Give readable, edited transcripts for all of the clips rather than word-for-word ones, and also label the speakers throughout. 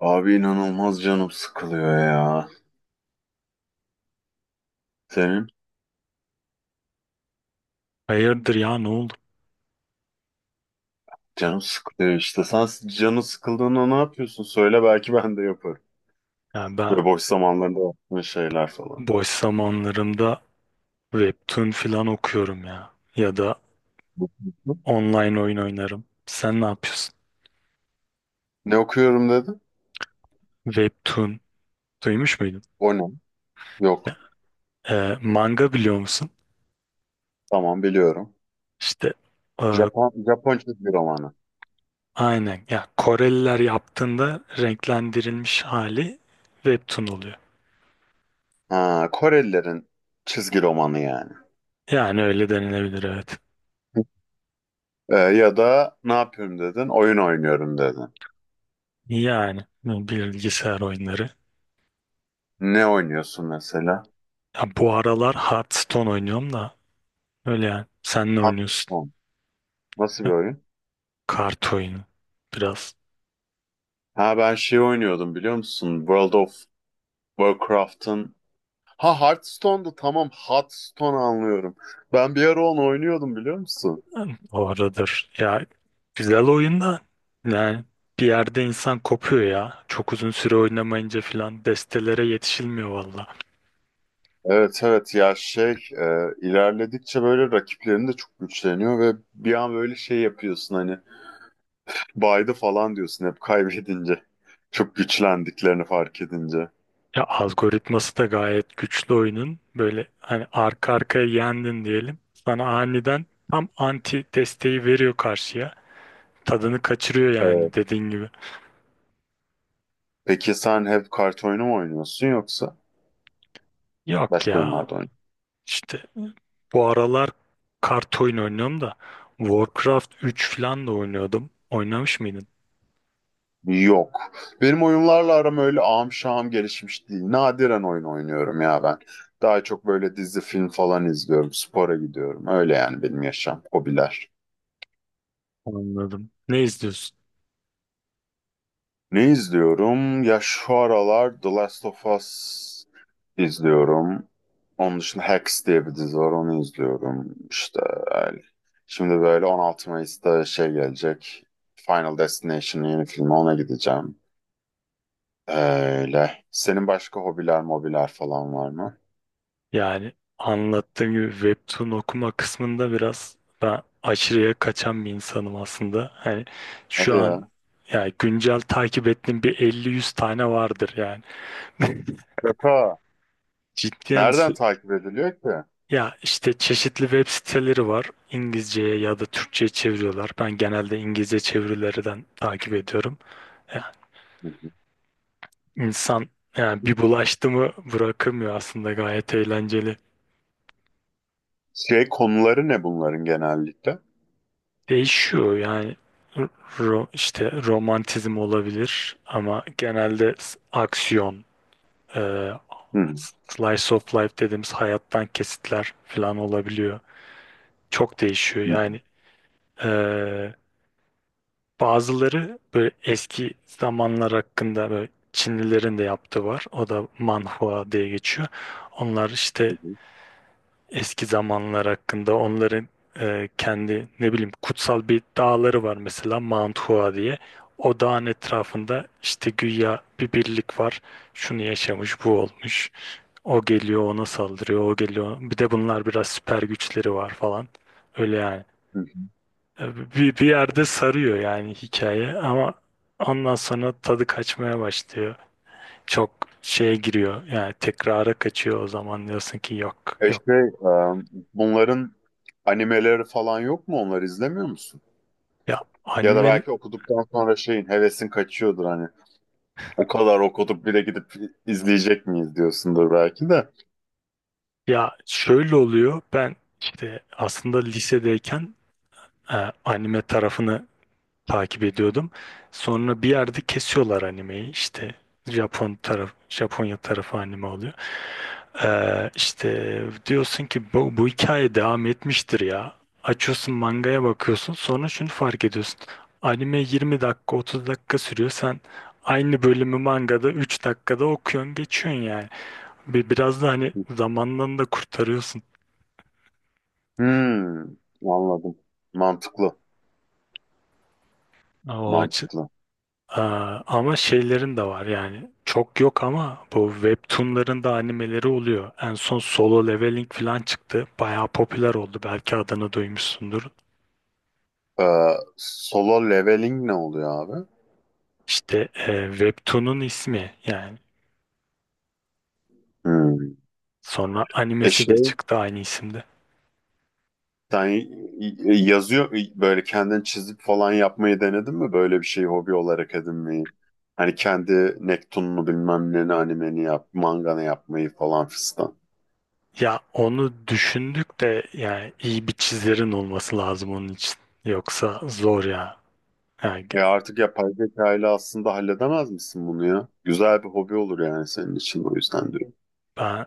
Speaker 1: Abi inanılmaz canım sıkılıyor ya. Senin
Speaker 2: Hayırdır ya, ne oldu?
Speaker 1: Canım sıkılıyor işte. Sen canın sıkıldığında ne yapıyorsun? Söyle belki ben de yaparım.
Speaker 2: Yani ben
Speaker 1: Ve boş zamanlarında yaptığın şeyler falan.
Speaker 2: boş zamanlarımda webtoon filan okuyorum ya. Ya da
Speaker 1: Hı?
Speaker 2: online oyun oynarım. Sen ne yapıyorsun?
Speaker 1: Ne okuyorum dedin?
Speaker 2: Webtoon duymuş muydun?
Speaker 1: O ne?
Speaker 2: Ya,
Speaker 1: Yok.
Speaker 2: manga biliyor musun?
Speaker 1: Tamam biliyorum.
Speaker 2: İşte e,
Speaker 1: Japon çizgi romanı.
Speaker 2: aynen ya, Koreliler yaptığında renklendirilmiş hali webtoon oluyor.
Speaker 1: Ha, Korelilerin çizgi romanı yani.
Speaker 2: Yani öyle denilebilir, evet.
Speaker 1: Ya da ne yapıyorum dedin? Oyun oynuyorum dedin.
Speaker 2: Yani bilgisayar oyunları.
Speaker 1: Ne oynuyorsun mesela?
Speaker 2: Ya bu aralar Hearthstone oynuyorum da, öyle yani. Sen ne oynuyorsun?
Speaker 1: Hearthstone. Nasıl bir oyun?
Speaker 2: Kart oyunu. Biraz
Speaker 1: Ha ben şey oynuyordum biliyor musun? World of Warcraft'ın Ha Hearthstone'da tamam Hearthstone anlıyorum. Ben bir ara onu oynuyordum biliyor musun?
Speaker 2: oradır. Ya güzel oyun da, yani bir yerde insan kopuyor ya. Çok uzun süre oynamayınca filan destelere yetişilmiyor valla.
Speaker 1: Evet evet ya şey e, ilerledikçe böyle rakiplerin de çok güçleniyor ve bir an böyle şey yapıyorsun hani baydı falan diyorsun hep kaybedince. Çok güçlendiklerini fark edince.
Speaker 2: Ya algoritması da gayet güçlü oyunun. Böyle hani arka arkaya yendin diyelim. Sana aniden tam anti desteği veriyor karşıya. Tadını kaçırıyor
Speaker 1: Evet.
Speaker 2: yani, dediğin gibi.
Speaker 1: Peki sen hep kart oyunu mu oynuyorsun yoksa
Speaker 2: Yok
Speaker 1: başka
Speaker 2: ya,
Speaker 1: oyunlarda oynuyorsun?
Speaker 2: İşte bu aralar kart oyunu oynuyorum da Warcraft 3 falan da oynuyordum. Oynamış mıydın?
Speaker 1: Yok. Benim oyunlarla aram öyle ağam şahım gelişmiş değil. Nadiren oyun oynuyorum ya ben. Daha çok böyle dizi, film falan izliyorum. Spora gidiyorum. Öyle yani benim yaşam, hobiler.
Speaker 2: Anladım. Ne izliyorsun?
Speaker 1: Ne izliyorum? Ya şu aralar The Last of Us izliyorum. Onun dışında Hacks diye bir dizi var. Onu izliyorum. İşte öyle. Şimdi böyle 16 Mayıs'ta şey gelecek. Final Destination'ın yeni filmi. Ona gideceğim. Öyle. Senin başka hobiler, mobiler falan var mı?
Speaker 2: Yani anlattığım gibi webtoon okuma kısmında biraz ben aşırıya kaçan bir insanım aslında. Hani
Speaker 1: Hadi
Speaker 2: şu an
Speaker 1: ya.
Speaker 2: yani güncel takip ettiğim bir 50-100 tane vardır yani.
Speaker 1: Şaka.
Speaker 2: Cidden
Speaker 1: Nereden takip ediliyor ki? Hı
Speaker 2: ya işte çeşitli web siteleri var. İngilizceye ya da Türkçe'ye çeviriyorlar. Ben genelde İngilizce çevirilerden takip ediyorum. Ya
Speaker 1: hı.
Speaker 2: insan yani, bir bulaştı mı bırakamıyor, aslında gayet eğlenceli.
Speaker 1: Şey konuları ne bunların genellikle?
Speaker 2: Değişiyor yani, işte romantizm olabilir ama genelde aksiyon, e,
Speaker 1: Hı hı.
Speaker 2: slice of life dediğimiz hayattan kesitler falan olabiliyor. Çok değişiyor
Speaker 1: Hı
Speaker 2: yani. E, Bazıları böyle eski zamanlar hakkında, böyle Çinlilerin de yaptığı var. O da manhua diye geçiyor. Onlar işte
Speaker 1: hı.
Speaker 2: eski zamanlar hakkında onların kendi, ne bileyim, kutsal bir dağları var mesela, Mount Hua diye. O dağın etrafında işte güya bir birlik var. Şunu yaşamış, bu olmuş. O geliyor ona saldırıyor, o geliyor. Bir de bunlar biraz süper güçleri var falan. Öyle yani.
Speaker 1: Hı hı.
Speaker 2: Bir yerde sarıyor yani hikaye ama ondan sonra tadı kaçmaya başlıyor. Çok şeye giriyor yani, tekrara kaçıyor. O zaman diyorsun ki yok,
Speaker 1: E
Speaker 2: yok.
Speaker 1: şey, e, Bunların animeleri falan yok mu? Onları izlemiyor musun?
Speaker 2: Ya
Speaker 1: Ya da
Speaker 2: anime
Speaker 1: belki okuduktan sonra şeyin hevesin kaçıyordur hani. O kadar okuduk bir de gidip izleyecek miyiz diyorsundur belki de.
Speaker 2: Ya şöyle oluyor. Ben işte aslında lisedeyken e, anime tarafını takip ediyordum. Sonra bir yerde kesiyorlar animeyi. İşte Japon taraf, Japonya tarafı anime oluyor. İşte diyorsun ki bu hikaye devam etmiştir ya. Açıyorsun mangaya bakıyorsun. Sonra şunu fark ediyorsun. Anime 20 dakika, 30 dakika sürüyor. Sen aynı bölümü mangada 3 dakikada okuyorsun geçiyorsun yani. Biraz da hani zamandan da kurtarıyorsun.
Speaker 1: Hmm, anladım. Mantıklı.
Speaker 2: O açı
Speaker 1: Mantıklı.
Speaker 2: Aa, ama şeylerin de var yani, çok yok ama bu webtoonların da animeleri oluyor. En son Solo Leveling falan çıktı. Bayağı popüler oldu. Belki adını duymuşsundur.
Speaker 1: Ee, Solo leveling ne oluyor abi?
Speaker 2: İşte webtoon'un ismi yani.
Speaker 1: Hmm.
Speaker 2: Sonra
Speaker 1: E
Speaker 2: animesi de
Speaker 1: şey
Speaker 2: çıktı aynı isimde.
Speaker 1: Sen yazıyor böyle kendin çizip falan yapmayı denedin mi? Böyle bir şeyi hobi olarak edinmeyi. Hani kendi Nektun'unu bilmem ne animeni yap, manganı yapmayı falan fistan.
Speaker 2: Ya onu düşündük de, yani iyi bir çizerin olması lazım onun için. Yoksa zor ya. Yani
Speaker 1: Artık yapay zeka ile aslında halledemez misin bunu ya? Güzel bir hobi olur yani senin için o yüzden diyorum.
Speaker 2: ben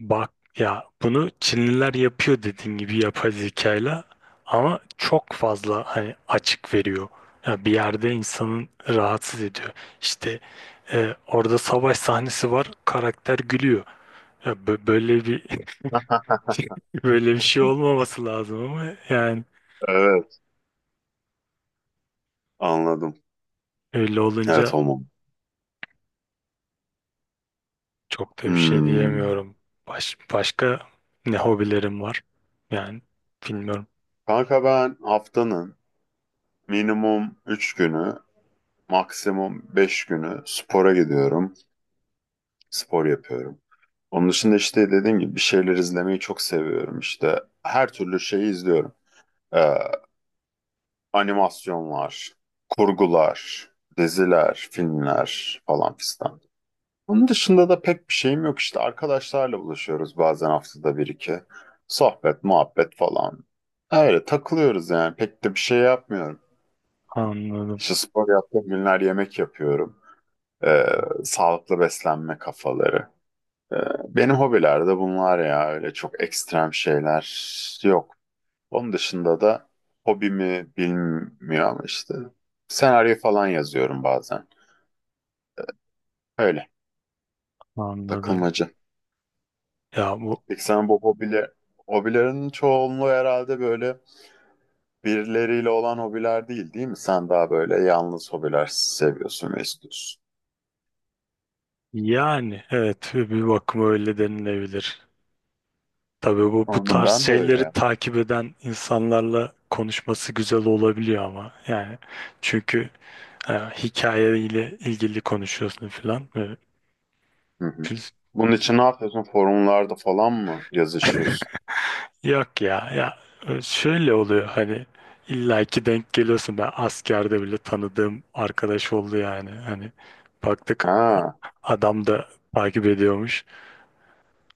Speaker 2: Bak ya, bunu Çinliler yapıyor dediğin gibi yapay zekayla, ama çok fazla hani açık veriyor. Ya bir yerde insanın rahatsız ediyor. İşte orada savaş sahnesi var, karakter gülüyor. Ya böyle bir böyle bir şey olmaması lazım ama yani,
Speaker 1: Evet anladım.
Speaker 2: öyle olunca
Speaker 1: Evet olmam.
Speaker 2: çok da bir şey
Speaker 1: Hmm.
Speaker 2: diyemiyorum. Başka ne hobilerim var? Yani bilmiyorum.
Speaker 1: Kanka ben haftanın minimum 3 günü, maksimum 5 günü spora gidiyorum. Spor yapıyorum. Onun dışında işte dediğim gibi bir şeyler izlemeyi çok seviyorum işte. Her türlü şeyi izliyorum. Ee, Animasyonlar, kurgular, diziler, filmler falan fistan. Onun dışında da pek bir şeyim yok işte. Arkadaşlarla buluşuyoruz bazen haftada bir iki. Sohbet, muhabbet falan. Öyle takılıyoruz yani. Pek de bir şey yapmıyorum.
Speaker 2: Anladım,
Speaker 1: İşte spor yaptığım günler yemek yapıyorum. Ee, Sağlıklı beslenme kafaları. Ee, Benim hobilerde bunlar ya öyle çok ekstrem şeyler yok. Onun dışında da hobimi bilmiyor ama işte senaryo falan yazıyorum bazen. Öyle
Speaker 2: anladım.
Speaker 1: takılmacı.
Speaker 2: Ya bu
Speaker 1: Peki sen bu hobiler, hobilerin çoğunluğu herhalde böyle birileriyle olan hobiler değil mi? Sen daha böyle yalnız hobiler seviyorsun ve istiyorsun.
Speaker 2: Yani evet, bir bakıma öyle denilebilir. Tabii bu
Speaker 1: Anladım
Speaker 2: tarz
Speaker 1: ben de öyle,
Speaker 2: şeyleri
Speaker 1: ya.
Speaker 2: takip eden insanlarla konuşması güzel olabiliyor ama yani, çünkü hikayeyle ilgili konuşuyorsun falan.
Speaker 1: Hı hı.
Speaker 2: Biz-
Speaker 1: Bunun için ne yapıyorsun? Forumlarda falan mı yazışıyorsun?
Speaker 2: Yok ya, şöyle oluyor hani, illaki denk geliyorsun. Ben askerde bile tanıdığım arkadaş oldu, yani. Hani baktık
Speaker 1: Ha,
Speaker 2: adam da takip ediyormuş,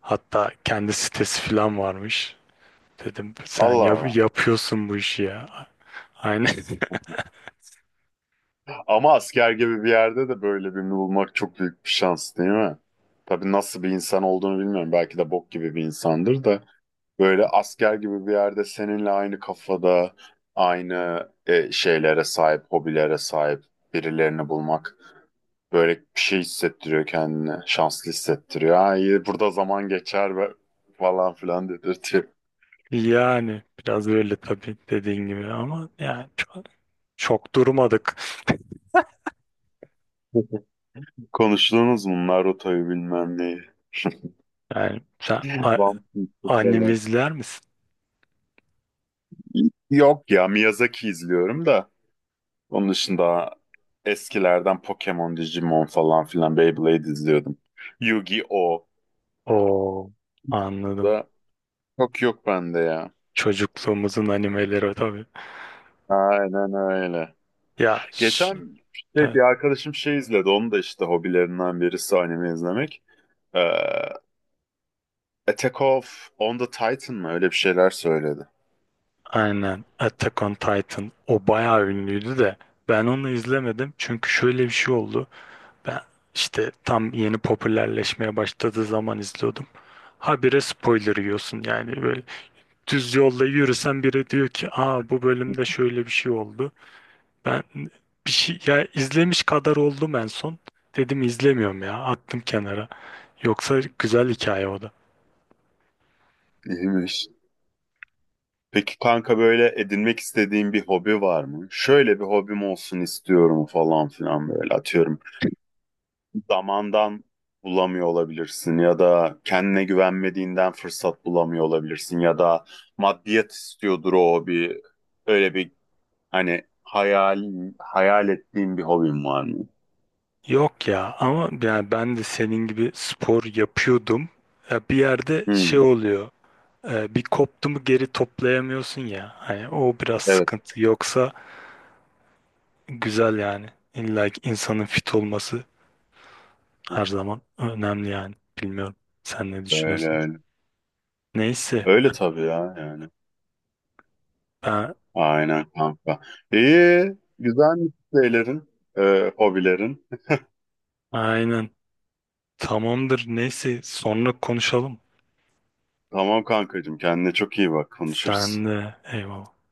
Speaker 2: hatta kendi sitesi falan varmış. Dedim sen
Speaker 1: Allah Allah.
Speaker 2: yapıyorsun bu işi ya. Aynen.
Speaker 1: Ama asker gibi bir yerde de böyle birini bulmak çok büyük bir şans değil mi? Tabii nasıl bir insan olduğunu bilmiyorum. Belki de bok gibi bir insandır da. Böyle asker gibi bir yerde seninle aynı kafada, aynı şeylere sahip, hobilere sahip birilerini bulmak böyle bir şey hissettiriyor kendini. Şanslı hissettiriyor. Ha iyi burada zaman geçer ve falan filan dedirtiyor.
Speaker 2: Yani biraz öyle tabii, dediğin gibi ama yani, çok çok durmadık.
Speaker 1: Konuştuğunuz bunlar rotayı bilmem neyi.
Speaker 2: Yani
Speaker 1: Bump
Speaker 2: anime
Speaker 1: falan.
Speaker 2: izler misin?
Speaker 1: Yok ya Miyazaki izliyorum da. Onun dışında eskilerden Pokemon, Digimon falan filan Beyblade izliyordum. Yu-Gi-Oh!
Speaker 2: Oo, anladım.
Speaker 1: Da çok yok bende ya.
Speaker 2: Çocukluğumuzun animeleri, tabii.
Speaker 1: Aynen öyle.
Speaker 2: Ya ş-
Speaker 1: Geçen işte bir
Speaker 2: evet,
Speaker 1: arkadaşım şey izledi. Onun da işte hobilerinden birisi anime izlemek. Ee, Attack of on the Titan mı? Öyle bir şeyler söyledi.
Speaker 2: aynen. Attack on Titan o bayağı ünlüydü de ben onu izlemedim çünkü şöyle bir şey oldu. Ben işte tam yeni popülerleşmeye başladığı zaman izliyordum. Habire spoiler yiyorsun yani, böyle düz yolda yürüsen biri diyor ki, aa, bu bölümde şöyle bir şey oldu. Ben bir şey ya, izlemiş kadar oldum en son. Dedim izlemiyorum ya, attım kenara. Yoksa güzel hikaye o da.
Speaker 1: İyiymiş. Peki kanka böyle edinmek istediğin bir hobi var mı? Şöyle bir hobim olsun istiyorum falan filan böyle atıyorum. Zamandan bulamıyor olabilirsin ya da kendine güvenmediğinden fırsat bulamıyor olabilirsin ya da maddiyat istiyordur o bir öyle bir hani hayal ettiğin bir hobin var mı?
Speaker 2: Yok ya, ama yani ben de senin gibi spor yapıyordum. Ya bir yerde şey
Speaker 1: Hmm,
Speaker 2: oluyor. Bir koptu mu geri toplayamıyorsun ya. Hani o biraz
Speaker 1: evet
Speaker 2: sıkıntı. Yoksa güzel yani. İlla ki insanın fit olması her zaman önemli yani. Bilmiyorum. Sen ne
Speaker 1: öyle
Speaker 2: düşünüyorsun?
Speaker 1: öyle.
Speaker 2: Neyse.
Speaker 1: Öyle tabii ya yani.
Speaker 2: Ben
Speaker 1: Aynen kanka. İyi güzel şeylerin, hobilerin.
Speaker 2: aynen. Tamamdır. Neyse. Sonra konuşalım.
Speaker 1: Tamam kankacığım kendine çok iyi bak konuşuruz.
Speaker 2: Sen de. Eyvallah.